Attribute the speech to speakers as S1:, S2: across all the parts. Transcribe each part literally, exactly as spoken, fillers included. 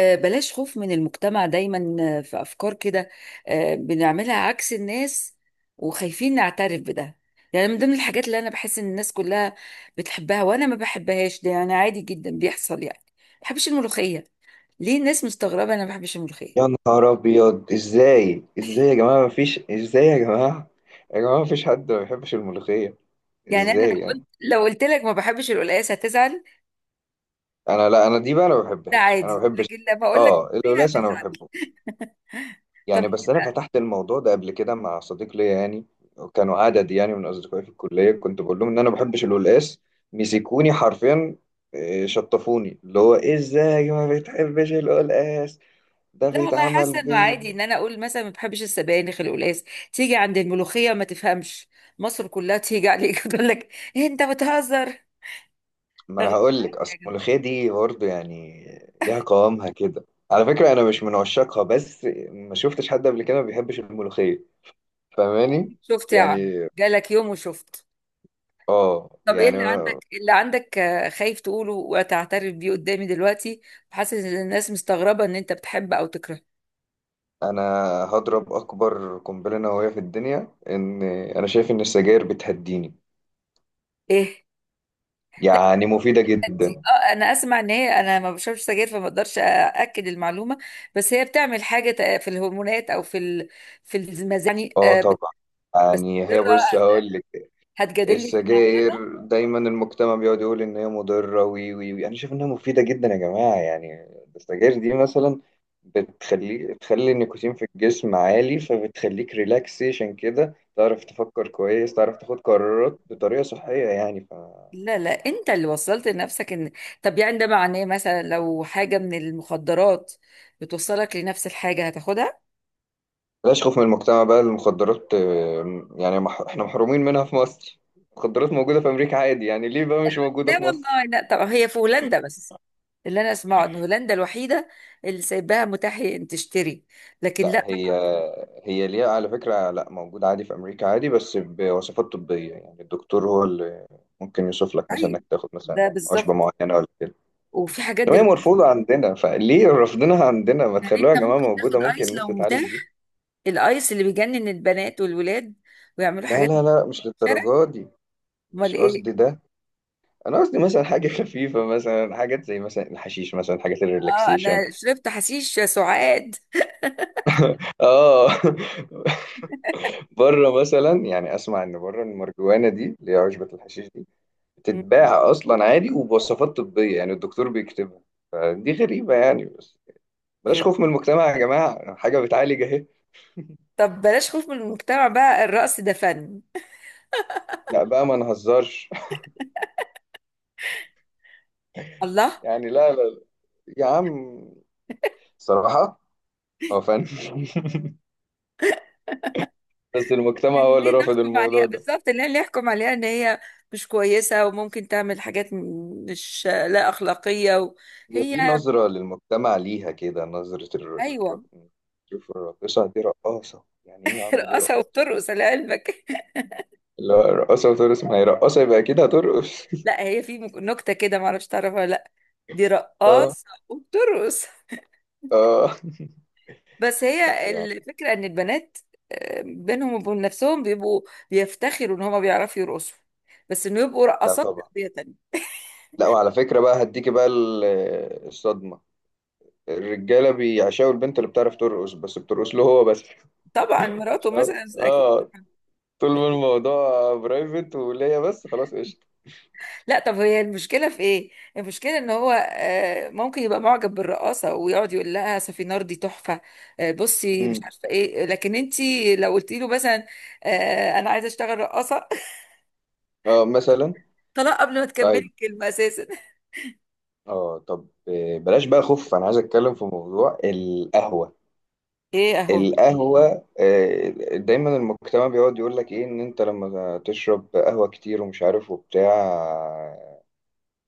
S1: آه، بلاش خوف من المجتمع دايما، آه، في أفكار كده. آه، بنعملها عكس الناس وخايفين نعترف بده. يعني من ضمن الحاجات اللي أنا بحس إن الناس كلها بتحبها وأنا ما بحبهاش، ده يعني عادي جدا بيحصل. يعني ما بحبش الملوخية. ليه الناس مستغربة أنا ما بحبش الملوخية؟
S2: يا نهار ابيض، ازاي؟ ازاي يا جماعه مفيش ازاي يا جماعه يا جماعه، مفيش حد ما بيحبش الملوخيه.
S1: يعني أنا لو
S2: ازاي يعني؟
S1: قلت لو قلت لك ما بحبش القلقاس هتزعل،
S2: انا لا انا دي بقى، انا ما
S1: ده
S2: بحبهاش انا ما
S1: عادي،
S2: بحبش.
S1: لكن لما أقول لك
S2: اه،
S1: ملوخية
S2: القلاص انا
S1: هتزعل.
S2: بحبه.
S1: طب
S2: يعني بس انا فتحت الموضوع ده قبل كده مع صديق ليا، يعني كانوا عدد يعني من اصدقائي في الكليه، كنت بقول لهم ان انا ما بحبش القلاص. مسكوني حرفيا، آه، شطفوني، اللي هو ازاي ما بتحبش القلاص؟ ده
S1: لا والله،
S2: بيتعمل
S1: حاسه انه
S2: بيه.
S1: عادي ان انا اقول مثلا ما بحبش السبانخ، القلقاس. تيجي عند الملوخيه ما تفهمش، مصر كلها تيجي عليك تقول لك إيه انت بتهزر؟
S2: ما انا
S1: رغم-
S2: هقول لك، اصل
S1: يا جماعة،
S2: الملوخيه دي برضه يعني ليها قوامها كده، على فكره انا مش من عشاقها، بس ما شفتش حد قبل كده ما بيحبش الملوخيه. فاهماني
S1: شفت يا عم؟
S2: يعني؟
S1: جالك يوم وشفت.
S2: اه
S1: طب ايه
S2: يعني.
S1: اللي عندك؟ إيه اللي عندك آه، خايف تقوله وتعترف بيه قدامي دلوقتي؟ حاسس ان الناس مستغربه ان انت بتحب او تكره؟
S2: انا هضرب اكبر قنبله نوويه في الدنيا، ان انا شايف ان السجاير بتهديني،
S1: ايه؟ لا،
S2: يعني مفيده
S1: دي
S2: جدا.
S1: اه، انا اسمع ان هي، انا ما بشربش سجاير فما اقدرش ااكد المعلومه، بس هي بتعمل حاجه تق- في الهرمونات او في ال- في المزاج يعني
S2: اه
S1: آه،
S2: طبعا،
S1: بس
S2: يعني هي بص
S1: مرة.
S2: هقول لك،
S1: هتجادلني في انها؟
S2: السجاير دايما المجتمع بيقعد يقول ان هي مضره، وي وي وي، انا شايف انها مفيده جدا يا جماعه يعني. السجاير دي مثلا بتخلي بتخلي النيكوتين في الجسم عالي، فبتخليك ريلاكسيشن كده، تعرف تفكر كويس، تعرف تاخد قرارات بطريقه صحيه، يعني ف
S1: لا لا انت اللي وصلت لنفسك ان... طب يعني ده معناه مثلا لو حاجة من المخدرات بتوصلك لنفس الحاجة هتاخدها؟
S2: بلاش خوف من المجتمع بقى. المخدرات آه، يعني مح... احنا محرومين منها في مصر. المخدرات موجوده في امريكا عادي، يعني ليه بقى مش موجوده
S1: لا
S2: في مصر؟
S1: والله لا، طب هي في هولندا بس، اللي انا اسمعه ان هولندا الوحيدة اللي سايباها متاح ان تشتري، لكن
S2: لا
S1: لا
S2: هي
S1: طبعا.
S2: هي ليها على فكرة، لا موجودة عادي في أمريكا عادي، بس بوصفات طبية، يعني الدكتور هو اللي ممكن يوصف لك مثلا
S1: طيب
S2: إنك تاخد مثلا
S1: ده
S2: عشبة
S1: بالظبط.
S2: معينة ولا كده.
S1: وفي حاجات
S2: إنما هي
S1: دلوقتي،
S2: مرفوضة عندنا، فليه رفضناها عندنا؟ ما
S1: يعني
S2: تخلوها
S1: انت
S2: يا جماعة
S1: ممكن تاخد
S2: موجودة، ممكن
S1: ايس
S2: الناس
S1: لو
S2: تتعالج بيها.
S1: متاح، الايس اللي بيجنن البنات والولاد ويعملوا
S2: لا
S1: حاجات في
S2: لا لا مش
S1: الشارع.
S2: للدرجة دي.
S1: امال
S2: مش
S1: ايه؟
S2: قصدي ده. أنا قصدي مثلا حاجة خفيفة، مثلا حاجات زي مثلا الحشيش مثلا، حاجات
S1: اه، انا
S2: الريلاكسيشن.
S1: شربت حشيش سعاد.
S2: آه بره مثلا، يعني أسمع إن بره المرجوانة دي اللي هي عشبة الحشيش دي
S1: مم.
S2: بتتباع اصلا عادي وبوصفات طبيه، يعني الدكتور بيكتبها. فدي غريبه يعني، بس بلاش
S1: غريب.
S2: خوف من المجتمع يا جماعه، حاجه بتعالج اهي.
S1: طب بلاش خوف من المجتمع بقى، الرقص ده فن.
S2: لا بقى، ما نهزرش.
S1: الله،
S2: يعني لا لا لا. يا عم، صراحه هو فن. بس المجتمع
S1: يعني
S2: هو اللي
S1: ليه
S2: رافض
S1: نحكم عليها
S2: الموضوع ده.
S1: بالظبط؟ ليه ليه نحكم عليها ان هي مش كويسة وممكن تعمل حاجات م- مش لا أخلاقية و...
S2: هي
S1: هي...
S2: في نظره للمجتمع، ليها كده نظره الر- الر-
S1: ايوه.
S2: شوف الراقصه دي رقاصه، يعني ايه يا عم؟ دي
S1: رقاصة
S2: رقاصه.
S1: وبترقص لعلمك.
S2: لا رقاصه وترقص، ما هي رقاصه يبقى كده هترقص.
S1: لا هي في مك- نكتة كده، معرفش تعرفها ولا لا، دي
S2: اه،
S1: رقاصة وبترقص.
S2: اه.
S1: بس
S2: لا
S1: هي
S2: يعني.
S1: الفكرة ان البنات آه، بينهم وبين نفسهم بيبقوا بيفتخروا ان هما بيعرفوا يرقصوا، بس انه يبقوا
S2: لا
S1: رقصات
S2: طبعا.
S1: تربية.
S2: لا، وعلى فكرة بقى هديكي بقى ال- الصدمة، الرجالة بيعشقوا البنت اللي بتعرف ترقص، بس بترقص له هو بس.
S1: طبعا مراته
S2: فاهم؟
S1: مثلا اكيد.
S2: اه، طول ما
S1: أكيد.
S2: الموضوع برايفت وليا بس، خلاص قشطة.
S1: لا طب هي المشكله في ايه؟ المشكله ان هو آه، ممكن يبقى معجب بالرقاصه ويقعد يقول لها سفينار دي تحفه، آه، بصي مش
S2: مم.
S1: عارفه ايه، لكن انت لو قلتي له مثلا آه، انا عايزه اشتغل رقاصه،
S2: اه مثلا.
S1: طلاق قبل ما تكملي
S2: طيب،
S1: الكلمه اساسا.
S2: اه طب آه، بلاش بقى خوف، انا عايز اتكلم في موضوع القهوة.
S1: ايه اهو.
S2: القهوة آه، دايما المجتمع بيقعد يقول لك ايه، ان انت لما تشرب قهوة كتير ومش عارف وبتاع،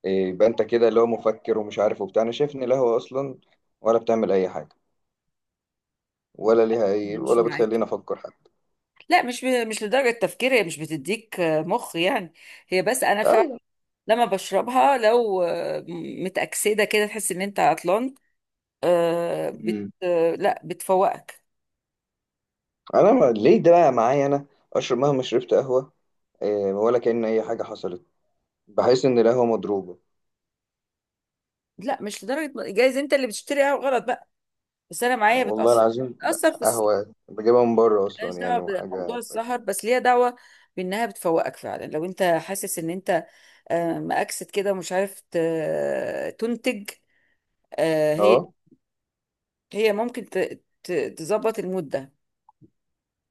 S2: إيه، يبقى انت كده اللي هو مفكر ومش عارف وبتاع. انا شايف ان القهوه اصلا ولا بتعمل اي حاجه، ولا ليها اي،
S1: انا مش
S2: ولا
S1: معاك.
S2: بتخليني افكر حتى.
S1: لا مش ب- مش لدرجه تفكير، هي مش بتديك آه، مخ يعني، هي بس انا فعلا
S2: آه.
S1: لما بشربها لو آه، متأكسدة كده تحس ان انت عطلان، آه بت
S2: مم.
S1: آه لا بتفوقك.
S2: انا ما... ليه ده بقى معايا انا؟ اشرب مهما شربت قهوه، إيه، ولا كأن اي حاجه حصلت. بحس ان القهوه مضروبه.
S1: لا مش لدرجه م- جايز انت اللي بتشتريها غلط بقى، بس انا معايا
S2: والله
S1: بتاثر.
S2: العظيم لا،
S1: بتاثر في السهر،
S2: قهوه بجيبها من بره
S1: ملهاش
S2: اصلا
S1: دعوه
S2: يعني
S1: بموضوع
S2: وحاجه كويسه.
S1: السهر، بس ليها دعوه بانها بتفوقك فعلا لو انت حاسس ان انت آه مأكسد كده ومش عارف ت- تنتج. آه هي
S2: اه.
S1: هي ممكن ت- ت- تظبط المود ده.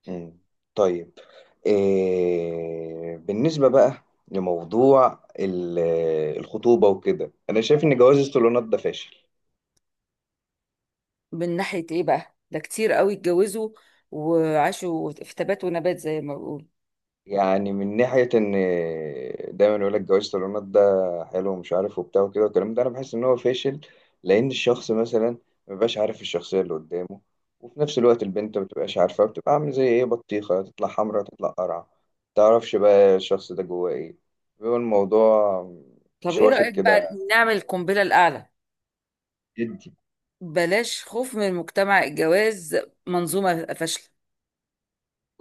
S2: مم. طيب، إيه... بالنسبه بقى لموضوع ال- الخطوبه وكده، انا شايف ان جواز الصالونات ده فاشل.
S1: من ناحيه ايه بقى؟ ده كتير قوي اتجوزوا وعاشوا في تبات ونبات زي ما بقول.
S2: يعني من ناحية إن دايما يقول لك جواز الطالونات ده حلو ومش عارف وبتاع وكده والكلام ده، أنا بحس إن هو فاشل، لأن الشخص مثلا مبيبقاش عارف الشخصية اللي قدامه، وفي نفس الوقت البنت مبتبقاش عارفة، بتبقى عاملة زي إيه، بطيخة، تطلع حمرا تطلع قرعة، متعرفش بقى الشخص ده جواه إيه. بيبقى الموضوع
S1: طب
S2: مش
S1: ايه
S2: واخد
S1: رأيك بقى
S2: كده
S1: نعمل القنبله الاعلى؟
S2: جدي.
S1: بلاش خوف من مجتمع الجواز، منظومة فاشلة.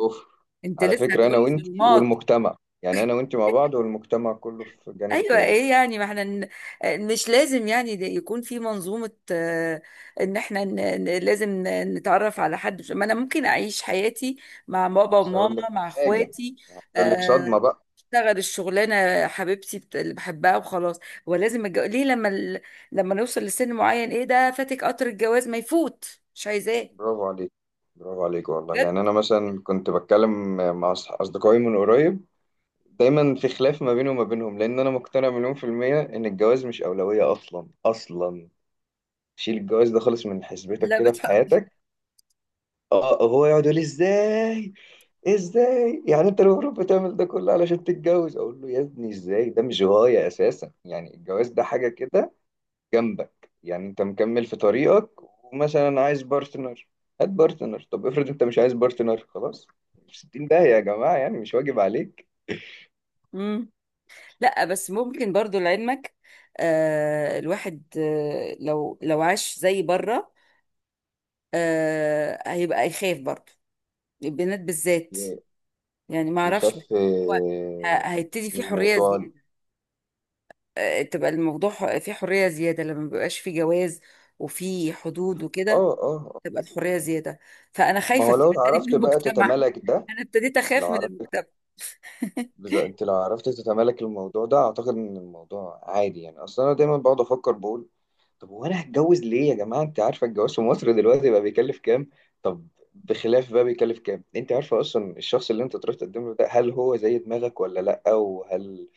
S2: كفر.
S1: انت
S2: على
S1: لسه
S2: فكرة أنا
S1: هتقولي
S2: وإنتي
S1: صالونات؟
S2: والمجتمع، يعني أنا وإنتي مع بعض والمجتمع كله في جانب
S1: ايوه،
S2: تاني.
S1: ايه يعني؟ ما احنا ن- مش لازم يعني ده يكون في منظومة، آه، ان احنا ن- ن- لازم ن- نتعرف على حد. مش- ما انا ممكن اعيش حياتي مع
S2: أنا
S1: بابا
S2: عايز
S1: وماما،
S2: أقول لك
S1: مع
S2: حاجة،
S1: اخواتي.
S2: أقول لك
S1: آه،
S2: صدمة بقى.
S1: اشتغل الشغلانه حبيبتي بت- اللي بحبها وخلاص. هو لازم الجو... ليه لما ال... لما نوصل لسن معين ايه ده فاتك قطر الجواز؟ ما يفوت، مش عايزاه.
S2: برافو عليك، برافو عليك والله.
S1: بجد.
S2: يعني انا مثلا كنت بتكلم مع أص- اصدقائي من قريب، دايما في خلاف ما بيني وما بينهم، لان انا مقتنع مليون في المية ان الجواز مش اولوية اصلا اصلا. شيل الجواز ده خالص من حسبتك
S1: لا،
S2: كده في حياتك. اه آه، هو يقعد يقول لي ازاي، ازاي يعني انت المفروض بتعمل ده كله علشان تتجوز، اقول له يا ابني ازاي؟ ده مش غاية اساسا، يعني الجواز ده حاجة كده جنبك، يعني انت مكمل في طريقك، ومثلا عايز بارتنر، هات بارتنر، طب افرض انت مش عايز بارتنر خلاص، في ستين داهية يا جماعة، يعني مش واجب عليك.
S1: بتفق. لا بس ممكن برضو لعلمك، آه الواحد آه لو لو عاش زي بره آه هيبقى يخاف برضو، البنات بالذات.
S2: ي-
S1: يعني ما اعرفش، بحس
S2: يخف
S1: هو
S2: آه،
S1: ه- هيبتدي
S2: من
S1: في حرية
S2: الموضوع ده.
S1: زيادة، آه تبقى الموضوع ح- في حرية زيادة لما بيبقاش في جواز وفي حدود وكده،
S2: اه، اه.
S1: تبقى الحرية زيادة. فأنا
S2: ما
S1: خايفة
S2: هو
S1: في
S2: لو
S1: الحتة دي من
S2: عرفت بقى
S1: المجتمع.
S2: تتمالك ده،
S1: أنا ابتديت أخاف
S2: لو
S1: من
S2: عرفت،
S1: المجتمع.
S2: بز- انت لو عرفت تتمالك الموضوع ده، اعتقد ان الموضوع عادي يعني. اصلا انا دايما بقعد افكر بقول طب هو انا هتجوز ليه يا جماعه؟ انت عارفه الجواز في مصر دلوقتي بقى بيكلف كام؟ طب بخلاف بقى بيكلف كام، انت عارفه اصلا الشخص اللي انت تروح تقدم له ده هل هو زي دماغك ولا لا؟ وهل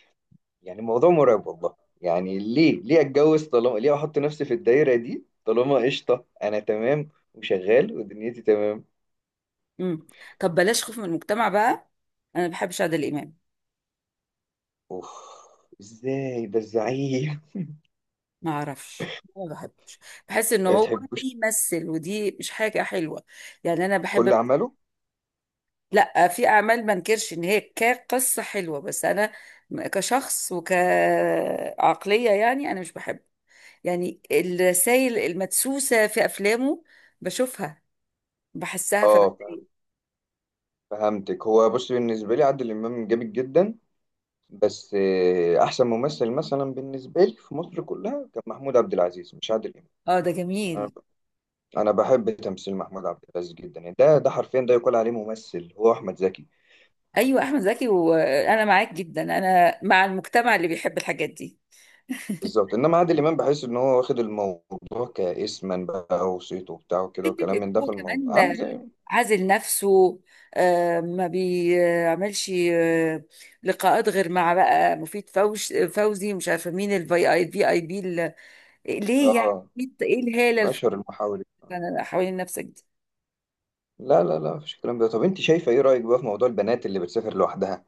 S2: يعني، الموضوع مرعب والله، يعني ليه؟ ليه اتجوز طالما؟ ليه احط نفسي في الدايره دي طالما قشطه، انا تمام وشغال ودنيتي تمام؟
S1: مم. طب بلاش خوف من المجتمع بقى، أنا ما بحبش عادل إمام.
S2: اوف، ازاي؟ ده الزعيم.
S1: ما اعرفش، ما بحبش، بحس ان
S2: ما
S1: هو
S2: تحبوش
S1: بيمثل ودي مش حاجه حلوه. يعني انا بحب...
S2: كل عمله؟
S1: لا، في اعمال ما انكرش ان هي كقصه حلوه، بس انا م- كشخص وكعقليه يعني انا مش بحب، يعني الرسائل المدسوسه في افلامه بشوفها، بحسها
S2: اه،
S1: فبتضايق.
S2: فهمتك. هو بص، بالنسبه لي عادل امام جامد جدا، بس آه، احسن ممثل مثلا بالنسبه لي في مصر كلها كان محمود عبد العزيز مش عادل امام.
S1: اه ده
S2: انا
S1: جميل.
S2: أنا بحب تمثيل محمود عبد العزيز جدا، يعني ده ده حرفيا ده يقول عليه ممثل، هو احمد زكي
S1: ايوه
S2: يعني.
S1: احمد زكي، وانا معاك جدا، انا مع المجتمع اللي بيحب الحاجات دي.
S2: بالظبط، انما عادل امام بحس ان هو واخد الموضوع كاسما بقى، وصيته وبتاع وكده
S1: حته
S2: وكلام من ده،
S1: ابوه
S2: في
S1: كمان،
S2: الموضوع عامل زي،
S1: عازل نفسه، آه، ما بيعملش آه، لقاءات غير مع بقى مفيد فوش فوزي، مش عارفه مين الفي اي بي اي بي ال- ليه يعني؟
S2: اه،
S1: ايه
S2: من
S1: الهاله
S2: اشهر المحاور.
S1: اللي حوالين نفسك دي؟
S2: لا لا لا، مفيش الكلام ده. طب انت شايفه ايه؟ رايك بقى في موضوع البنات اللي بتسافر لوحدها؟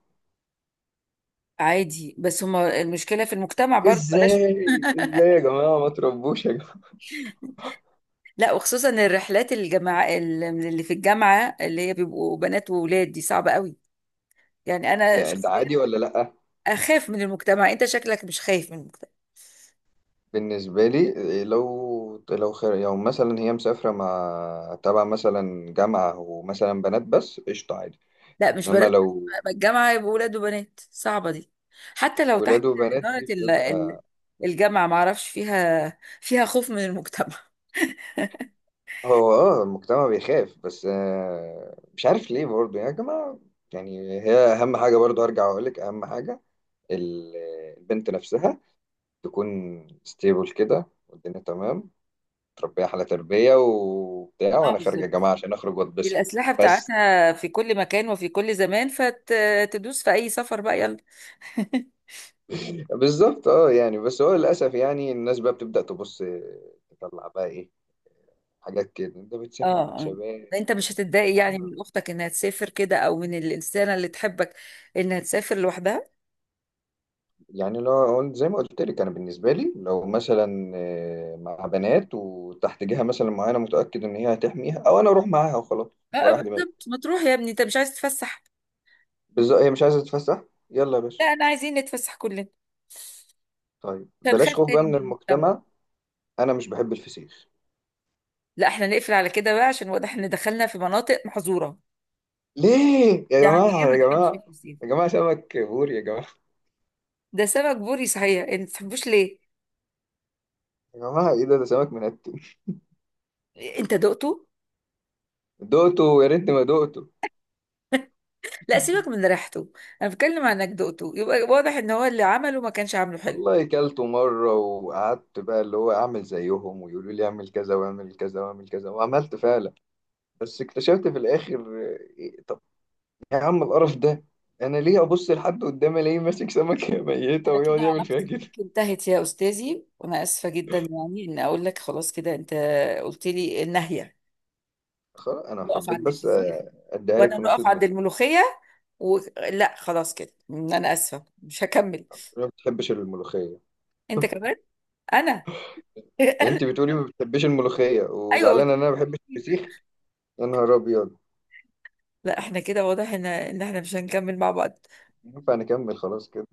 S1: عادي، بس هما المشكله في المجتمع برضه، بلاش.
S2: ازاي، ازاي يا جماعه، ما تربوش يا جماعه،
S1: لا، وخصوصا الرحلات الجماعة اللي في الجامعه اللي هي بيبقوا بنات وولاد، دي صعبه قوي. يعني انا
S2: يعني ده
S1: شخصيا
S2: عادي ولا لا؟
S1: اخاف من المجتمع، انت شكلك مش خايف من المجتمع.
S2: بالنسبة لي، لو لو خير، لو مثلا هي مسافرة مع تبع مثلا جامعة ومثلا بنات بس، قشطة عادي.
S1: لا مش
S2: إنما
S1: بنات بس،
S2: لو
S1: بقى الجامعة يبقوا ولاد وبنات، صعبة دي، حتى لو تحت
S2: ولاد وبنات،
S1: إدارة
S2: دي
S1: ال- ال-
S2: بتبقى،
S1: الجامعة، معرفش فيها فيها خوف من المجتمع.
S2: هو اه المجتمع بيخاف بس آه، مش عارف ليه برضه يا جماعة. يعني هي أهم حاجة، برضه هرجع وأقولك أهم حاجة، ال- البنت نفسها تكون ستيبل كده والدنيا تمام، تربيها على تربية وبتاع،
S1: اه
S2: وأنا خارجة
S1: بالظبط،
S2: جامعة عشان أخرج وأتبسط
S1: الأسلحة
S2: بس.
S1: بتاعتها في كل مكان وفي كل زمان، فتدوس في أي سفر بقى، يلا.
S2: بالظبط، اه يعني، بس هو للاسف يعني الناس بقى بتبدا تبص، تطلع بقى ايه حاجات كده، انت
S1: اه.
S2: بتسافر مع
S1: آه.
S2: شباب.
S1: انت مش هتتضايق يعني
S2: عم-
S1: من اختك انها تسافر كده، او من الانسانه اللي تحبك انها تسافر لوحدها؟
S2: يعني لو قلت- زي ما قلت لك انا بالنسبه لي، لو مثلا آه، مع بنات وتحت جهه مثلا معينه متاكد ان هي هتحميها، او انا اروح معاها وخلاص
S1: اه آه،
S2: ورايح دماغي.
S1: بالظبط، ما تروح يا ابني، انت مش عايز تتفسح؟
S2: بالظبط، هي مش عايزه تتفسح، يلا يا
S1: لا
S2: باشا.
S1: انا عايزين نتفسح كلنا.
S2: طيب
S1: مش
S2: بلاش
S1: هنخاف
S2: خوف بقى
S1: تاني من
S2: من
S1: المجتمع.
S2: المجتمع، انا مش بحب الفسيخ.
S1: لا احنا نقفل على كده بقى، عشان واضح ان دخلنا في مناطق محظوره.
S2: ليه يا
S1: يعني ايه
S2: جماعه،
S1: ما
S2: يا
S1: تحبش
S2: جماعه،
S1: الفسيخ؟
S2: يا جماعه سمك بوري يا جماعه.
S1: ده سمك بوري صحيح، انت ما تحبوش ليه؟
S2: يا جماعه ايه ده؟ ده سمك منتن.
S1: انت دقته؟
S2: دقته؟ يا ريتني ما دقته.
S1: لا سيبك من ريحته، انا بتكلم عن انك دقته، يبقى واضح ان هو اللي عمله ما كانش عامله حلو.
S2: والله كلته مرة، وقعدت بقى اللي هو أعمل زيهم ويقولوا لي أعمل كذا وأعمل كذا وأعمل كذا، وعملت فعلا، بس اكتشفت في الآخر، إيه، طب يا عم القرف ده، أنا ليه أبص لحد قدامي ألاقيه ماسك سمكة ميتة
S1: انا
S2: ويقعد
S1: كده
S2: يعمل فيها
S1: علاقتي
S2: كده؟
S1: بيك انتهت يا استاذي، وانا اسفه جدا يعني ان اقول لك خلاص كده، انت قلت لي النهيه.
S2: خلاص أنا
S1: نقف
S2: حبيت
S1: عند
S2: بس
S1: الفسيخ،
S2: آه، أديها لك
S1: وانا
S2: في نص
S1: نقف عند
S2: دماغي.
S1: الملوخيه، و... لا خلاص كده انا اسفه، مش هكمل.
S2: أنا ما بتحبش الملوخية.
S1: انت كمان؟ انا...
S2: أنت بتقولي ما بتحبش الملوخية
S1: ايوه.
S2: وزعلانة إن أنا ما بحبش الفسيخ؟ يا نهار أبيض.
S1: لا احنا كده واضح ان ان احنا مش هنكمل مع بعض.
S2: ينفع نكمل خلاص كده؟